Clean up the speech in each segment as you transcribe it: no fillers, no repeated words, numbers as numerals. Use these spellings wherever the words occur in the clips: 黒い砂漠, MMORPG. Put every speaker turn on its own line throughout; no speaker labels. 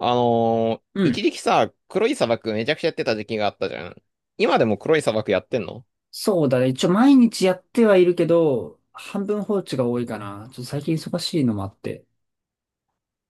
う
一
ん。
時期さ、黒い砂漠めちゃくちゃやってた時期があったじゃん。今でも黒い砂漠やってんの？
そうだね。一応毎日やってはいるけど、半分放置が多いかな。ちょっと最近忙しいのもあって。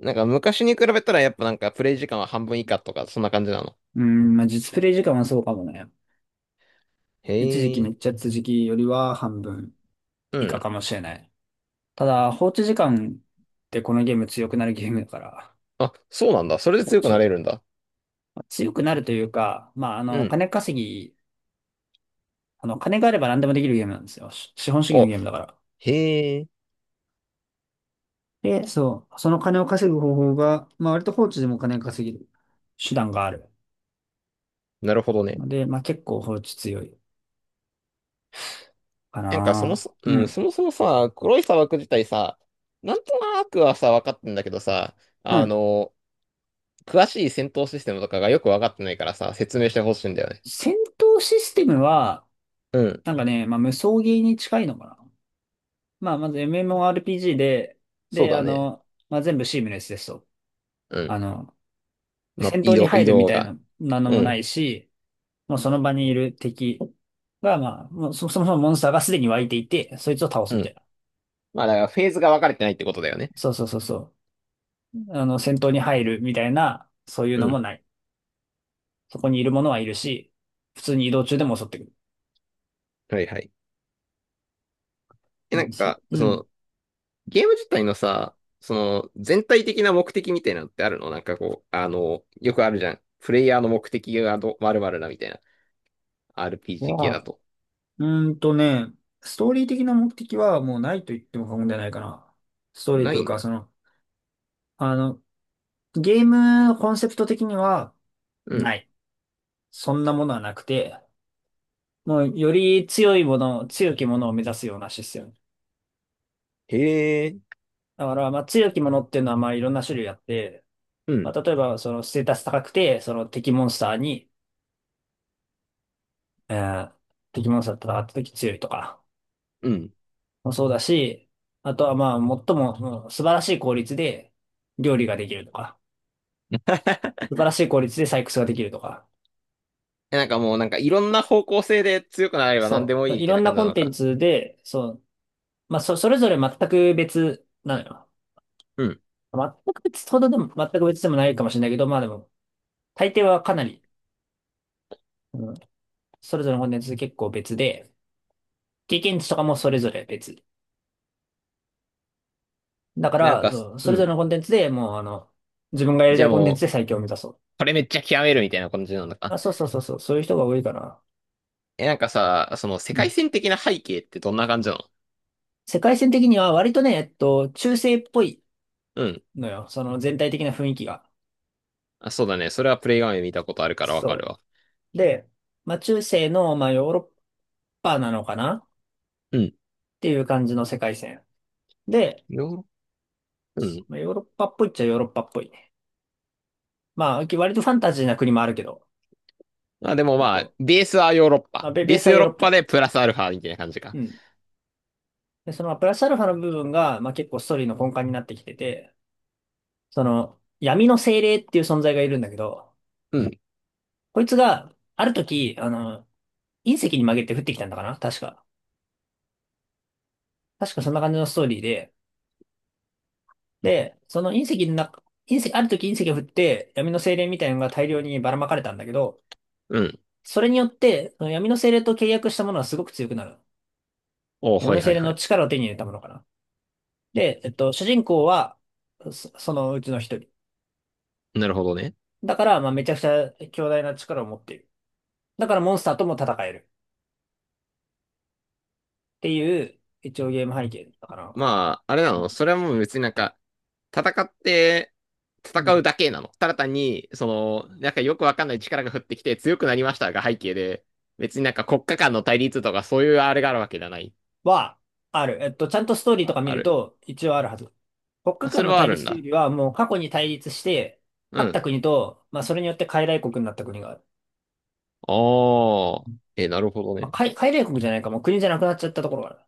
なんか昔に比べたらやっぱなんかプレイ時間は半分以下とか、そんな感じなの。
うん、まあ実プレイ時間はそうかもね。
へ
一時期め
え。
っちゃやってた時期よりは半分
う
以下
ん。
かもしれない。ただ、放置時間ってこのゲーム強くなるゲームだから、
あ、そうなんだ。それで
放
強くなれ
置、
るんだ。
まあ強くなるというか、まあ
うん。
金稼ぎ、金があれば何でもできるゲームなんですよ。し資本主義の
お、
ゲームだから。
へえ。
で、そう、その金を稼ぐ方法が、まあ割と放置でも金が稼げる手段がある。
なるほどね。
ので、まあ結構放置強いか
なんかそも
な。
そ、
う
うん、
ん。
そもそもさ、黒い砂漠自体さ、なんとなくはさ、分かってんだけどさ、
う
あ
ん。
のー詳しい戦闘システムとかがよく分かってないからさ、説明してほしいんだよね。
戦闘システムは、
うん。
なんかね、まあ無双ゲーに近いのかな。まあまず MMORPG で、
そう
で、
だね。
まあ全部シームレスですと。
うん
あの、
まあ、
戦闘に
移
入るみ
動
たい
が。
な、なんの
う
もな
ん、
いし、もうその場にいる敵が、まあ、もうそもそもモンスターがすでに湧いていて、そいつを倒す
う
みたい
ん。
な。
まあ、だからフェーズが分かれてないってことだよね。
そうそうそうそう。戦闘に入るみたいな、そういう
う
のも
ん。
ない。そこにいるものはいるし、普通に移動中でも襲ってくる。
はいはい。え、なん
話
か、
う
そ
ん。
の、ゲーム自体のさ、その、全体的な目的みたいなのってあるの？なんかこう、あの、よくあるじゃん。プレイヤーの目的がど、まるだみたいな。RPG 系
は、
だと。
うーんとね、ストーリー的な目的はもうないと言っても過言ではないかな。ストーリー
な
とい
い
う
ん
か、あの、ゲームコンセプト的には
うん。
ない。そんなものはなくて、もうより強いもの、強きものを目指すようなシステム。
へえ。
だから、まあ強きものっていうのはまあいろんな種類あって、
う
ま
ん。
あ例えばそのステータス高くて、えー敵モンスターと戦った時強いとか。
うん。
もそうだし、あとはまあ、最もその素晴らしい効率で料理ができるとか、素晴らしい効率で採掘ができるとか、
え、なんかもう、なんかいろんな方向性で強くなれば何で
そ
もい
う、
いみ
い
たい
ろ
な
んな
感じ
コ
な
ン
の
テン
か。
ツで、そう、まあ、それぞれ全く別なのよ。
うん。
全く別ほどでも、全く別でもないかもしれないけど、まあでも、大抵はかなり、うん、それぞれのコンテンツ結構別で、経験値とかもそれぞれ別。だか
なん
ら、
か、
そう、そ
う
れぞれ
ん。
のコンテンツでもう、自分がやり
じ
た
ゃあ
いコンテン
も
ツで
う、
最強を目指そう。
これめっちゃ極めるみたいな感じなのか。
あ、そうそうそうそう、そういう人が多いかな。
え、なんかさ、その世界線的な背景ってどんな感じなの？
世界線的には割とね、中世っぽい
うん。
のよ。その全体的な雰囲気が。
あ、そうだね。それはプレイ画面見たことあるからわかる
そ
わ。
う。で、まあ中世の、まあヨーロッパなのかなっ
うん。
ていう感じの世界線。で、
ヨーロッうん。
まあ、ヨーロッパっぽいっちゃヨーロッパっぽいね。まあ割とファンタジーな国もあるけど、
まあでも
結
まあ、
構、
ベースはヨーロッ
ま
パ。
あベ、
ベ
ベー
ー
ス
ス
は
ヨ
ヨ
ー
ー
ロッ
ロッ
パで
パ。
プラスアルファみたいな感じか。
うん。で、そのプラスアルファの部分が、まあ結構ストーリーの根幹になってきてて、その闇の精霊っていう存在がいるんだけど、
うん。
こいつがある時、隕石に曲げて降ってきたんだかな確か。確かそんな感じのストーリーで、その隕石の中、隕石、ある時隕石が降って闇の精霊みたいなのが大量にばらまかれたんだけど、
うん。
それによって、その闇の精霊と契約したものはすごく強くなる。
お、
闇
は
の
いは
精
い
霊
は
の
い。
力を手に入れたものかな。で、主人公は、そ、そのうちの一人。
なるほどね。
だから、まあ、めちゃくちゃ強大な力を持っている。だからモンスターとも戦える。っていう、一応ゲーム背景だったかな。
まあ、あれなのそれはもう別になんか、戦って、
う
戦
ん。
うだけなの。ただ単に、その、なんかよくわかんない力が降ってきて強くなりましたが背景で、別になんか国家間の対立とかそういうあれがあるわけじゃない。
は、ある。ちゃんとストーリーと
あ、
か見
あ
る
る。
と、一応あるはず。国家
あ、そ
間
れ
の
はあ
対
るん
立というよ
だ。
りは、もう過去に対立して、
う
勝っ
ん。
た国と、まあそれによって傀儡国になった国がある。
あ
う
あ。
ん。
え、なるほど
まあ、
ね。
傀儡国じゃないか、もう国じゃなくなっちゃったところがある。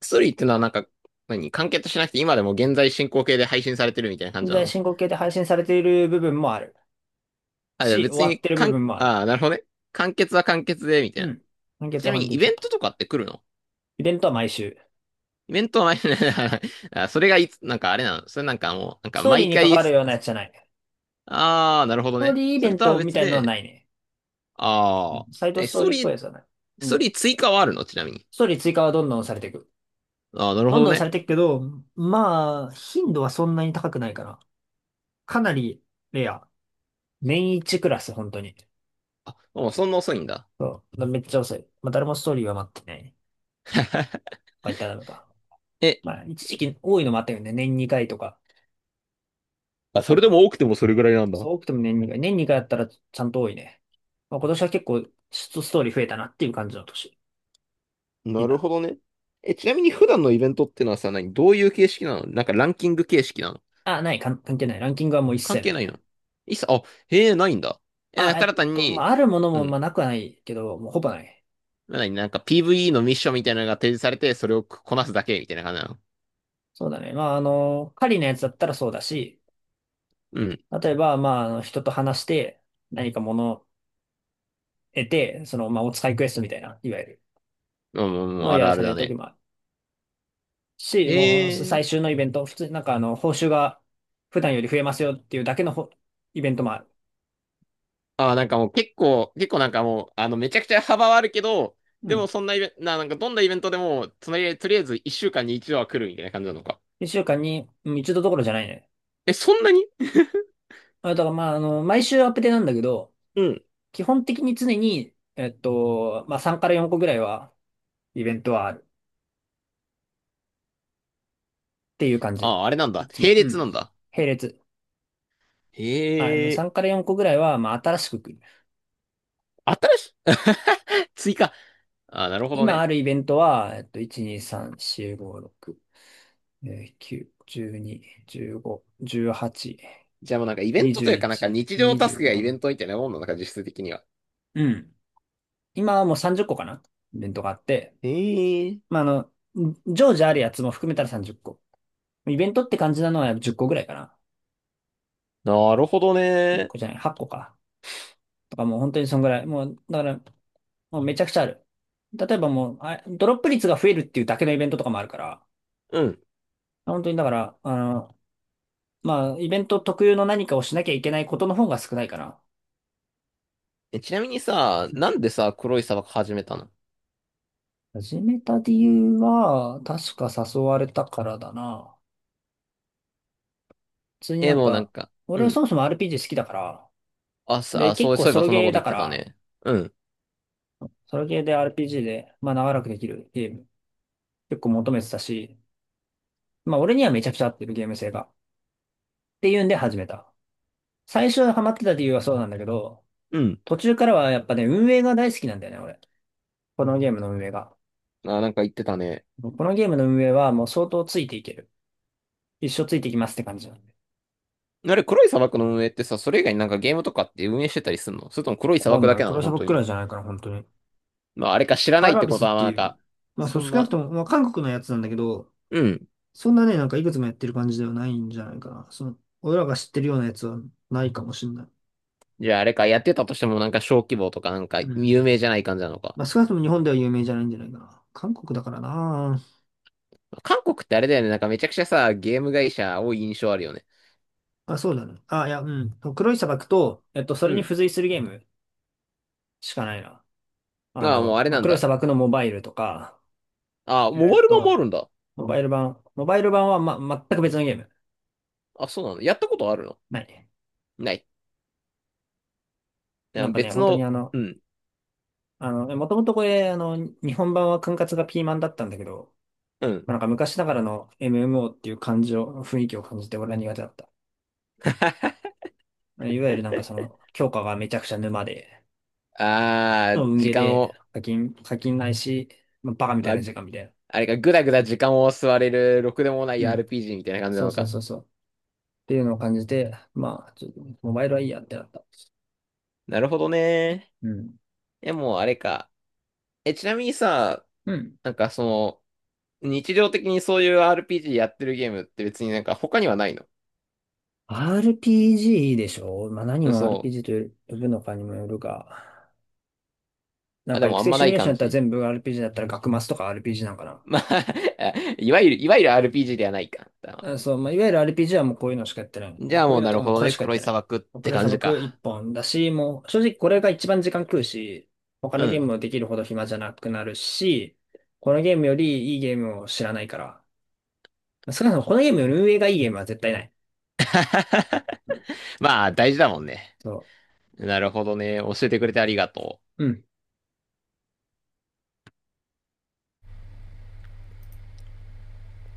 薬ってのはなんか、何完結しなくて今でも現在進行形で配信されてるみたいな感
現
じな
在
の？
進行形で配信されている部分もある。
あ、じゃあ
し、終
別
わっ
に、
てる部分もある。
ああ、なるほどね。完結は完結で、みたい
う
な。
ん。判
ち
決
な
は
み
判
にイベ
決。
ントとかって来るの？
イベントは毎週。
イベントは毎回 あそれがいつ、なんかあれなのそれなんかもう、なん
ス
か
トーリー
毎
に関
回、
わるようなやつじゃない。ス
ああ、なるほど
トー
ね。
リーイ
そ
ベ
れ
ン
とは
トみ
別
たいなのは
で、
ないね。う
ああ、
ん。サイド
え、
ストーリーっぽいやつはない。
ス
う
トー
ん。
リー追加はあるのちなみに。
ストーリー追加はどんどんされていく。
ああ、なるほ
どん
ど
どんさ
ね。
れていくけど、まあ、頻度はそんなに高くないかな。かなりレア。年一クラス、本当に。
あ、もうそんな遅いんだ。
そう。めっちゃ遅い。まあ、誰もストーリーは待ってない。まあ、言ったらダメか。
え、
まあ、一時期多いのもあったよね。年2回とか
あ、
あ
そ
っ
れで
たの。
も多くてもそれぐらいなんだ。
そう、多くても年2回。年2回あったらちゃんと多いね。まあ、今年は結構、ストーリー増えたなっていう感じの年に
な
な
る
る。
ほどね。え、ちなみに普段のイベントってのはさ、何どういう形式なの？なんかランキング形式なの？
あ、ない、関係ない。ランキングはもう一
関
切な
係
い
ない
ね。
の？いっさ、あ、へえ、ないんだ。え、なんか
あ、
ただ単
まあ、
に、
あるもの
う
も、まあ、
ん。
なくはないけど、もうほぼない。
何なんか PVE のミッションみたいなのが提示されて、それをこなすだけみたいな感じなの？
そうだね。まあ、狩りのやつだったらそうだし、
うん。
例えば、まあ、人と話して、何か物を得て、まあ、お使いクエストみたいな、いわゆる。
うん、うんうん、
の
あ
や
る
ら
あ
さ
る
れ
だ
る時
ね。
もあるし、もう
へえ。
最終のイベント、普通になんか報酬が普段より増えますよっていうだけのイベントもある。
あ、なんかもう結構なんかもう、あの、めちゃくちゃ幅はあるけど、
う
で
ん。
もそんなイベント、なんかどんなイベントでも、つまり、とりあえず1週間に一度は来るみたいな感じなのか。
一週間に一度どころじゃないね。
え、そんなに？
あ、だからまあ、毎週アップデなんだけど、
うん。
基本的に常に、まあ3から4個ぐらいはイベントはあるっていう感じ。
あ、あれなん
い
だ。
つ
並
も。う
列
ん。
なんだ。
並列。あ、
へえ、
3から4個ぐらいは、まあ新しく来る。
新しい 追加。あー、なるほど
今
ね。
あるイベントは、1、2、3、4、5、6、9、12、15、18、
じゃあもうなんかイベントというかなんか
21、
日常タスクがイベン
24。
トみたいなもんなのか、実質的には。
うん。今はもう30個かなイベントがあって。
へえ、
まあ、常時あるやつも含めたら30個。イベントって感じなのは10個ぐらいかな。
なるほど
1
ね。
個じゃない、8個か。とかもう本当にそんぐらい。もう、だから、もうめちゃくちゃある。例えばもう、あ、ドロップ率が増えるっていうだけのイベントとかもあるから、
うん。
本当にだから、まあ、イベント特有の何かをしなきゃいけないことの方が少ないかな。
え、ちなみにさ、
うん。
なんでさ、黒い砂漠始めたの？
始めた理由は、確か誘われたからだな。普通にな
え、
ん
もうなん
か、
か、う
俺はそ
ん。
もそも RPG 好きだから、
あ、さ、
で、
あ、そ
結
う、
構
そういえ
ソ
ば
ロ
そんな
ゲ
こ
ー
と
だ
言っ
か
てた
ら、
ね。うん。
ソロゲーで RPG で、まあ長らくできるゲーム、結構求めてたし、まあ俺にはめちゃくちゃ合ってるゲーム性が。っていうんで始めた。最初ハマってた理由はそうなんだけど、
うん。
途中からはやっぱね、運営が大好きなんだよね、俺。このゲームの運営が。
あ、なんか言ってたね。
このゲームの運営はもう相当ついていける。一生ついていきますって感じなんで。
あれ、黒い砂漠の運営ってさ、それ以外になんかゲームとかって運営してたりするの？それとも黒い
わ
砂
かん
漠だ
ない。
けなの
黒シャ
本
ブ
当
くら
に。
いじゃないかな、本当に。
まあ、あれか知ら
カ
な
ー
いっ
ルア
て
ビ
こ
ス
と
っ
は、ま
て
あなん
いう、
か、
まあそ
そ
う
ん
少なく
な、
とも、まあ韓国のやつなんだけど、
うん。
そんなね、なんかいくつもやってる感じではないんじゃないかな。俺らが知ってるようなやつはないかもしんない。
じゃああれか、やってたとしてもなんか小規模とかなんか
うん。
有名じゃない感じなのか。
まあ、少なくとも日本では有名じゃないんじゃないかな。韓国だからな。
韓国ってあれだよね、なんかめちゃくちゃさ、ゲーム会社多い印象あるよね。
あ、そうだね。あ、いや、うん。黒い砂漠と、そ
う
れに
ん。
付随するゲームしかないな。
ああ、もうあれ
まあ、
なん
黒い
だ。
砂漠のモバイルとか、
ああ、
え
モバイ
っ
ル版もあ
と、
るんだ。
モバイル版は、全く別のゲーム。
あ、そうなの？やったことあるの？
ない。
ない。いや
なんかね、
別
本当に
の、うん、
もともとこれ、日本版は管轄がピーマンだったんだけど、
うん。
まあ、なんか昔ながらの MMO っていう感じを、雰囲気を感じて俺は苦手だった。いわゆるなんかその、強化がめちゃくちゃ沼で、
ああ、
運ゲ
時
ー
間
で
を、
課金ないし、まあ、バカみた
ま
い
あ、
な時間みたいな。
あれか、ぐだぐだ時間を吸われる、ろくでもない
うん。
RPG みたいな感じな
そう
の
そう
か。
そうそう。っていうのを感じて、まあ、ちょっとモバイルはいいやってなった。
なるほどね。
うん。
え、もうあれか。え、ちなみにさ、
うん。
なんかその、日常的にそういう RPG やってるゲームって別になんか他にはないの？
RPG でしょ。まあ何を
そ
RPG と呼ぶのかにもよるが、な
う。
ん
あ、
か
でも
育
あん
成
ま
シ
な
ミュ
い
レーショ
感
ンだったら
じ？
全部 RPG だったら学マスとか RPG なんかな。
まあ いわゆる RPG ではないか。だか
うん、
ら
そう、まあ、いわゆる RPG はもうこういうのしかやってない。
じゃあ
こう
も
いう
う
の
な
と
る
かも
ほど
これ
ね。
しかやっ
黒
て
い
な
砂
い。
漠っ
ク
て
レサ
感
ブ
じ
ク一
か。
本だし、もう正直これが一番時間食うし、他
う
のゲー
ん。
ムもできるほど暇じゃなくなるし、このゲームよりいいゲームを知らないから。少なくともこのゲームより運営がいいゲームは絶対ない。うん、
まあ大事だもんね。
そ
なるほどね。教えてくれてありがとう。
う。うん。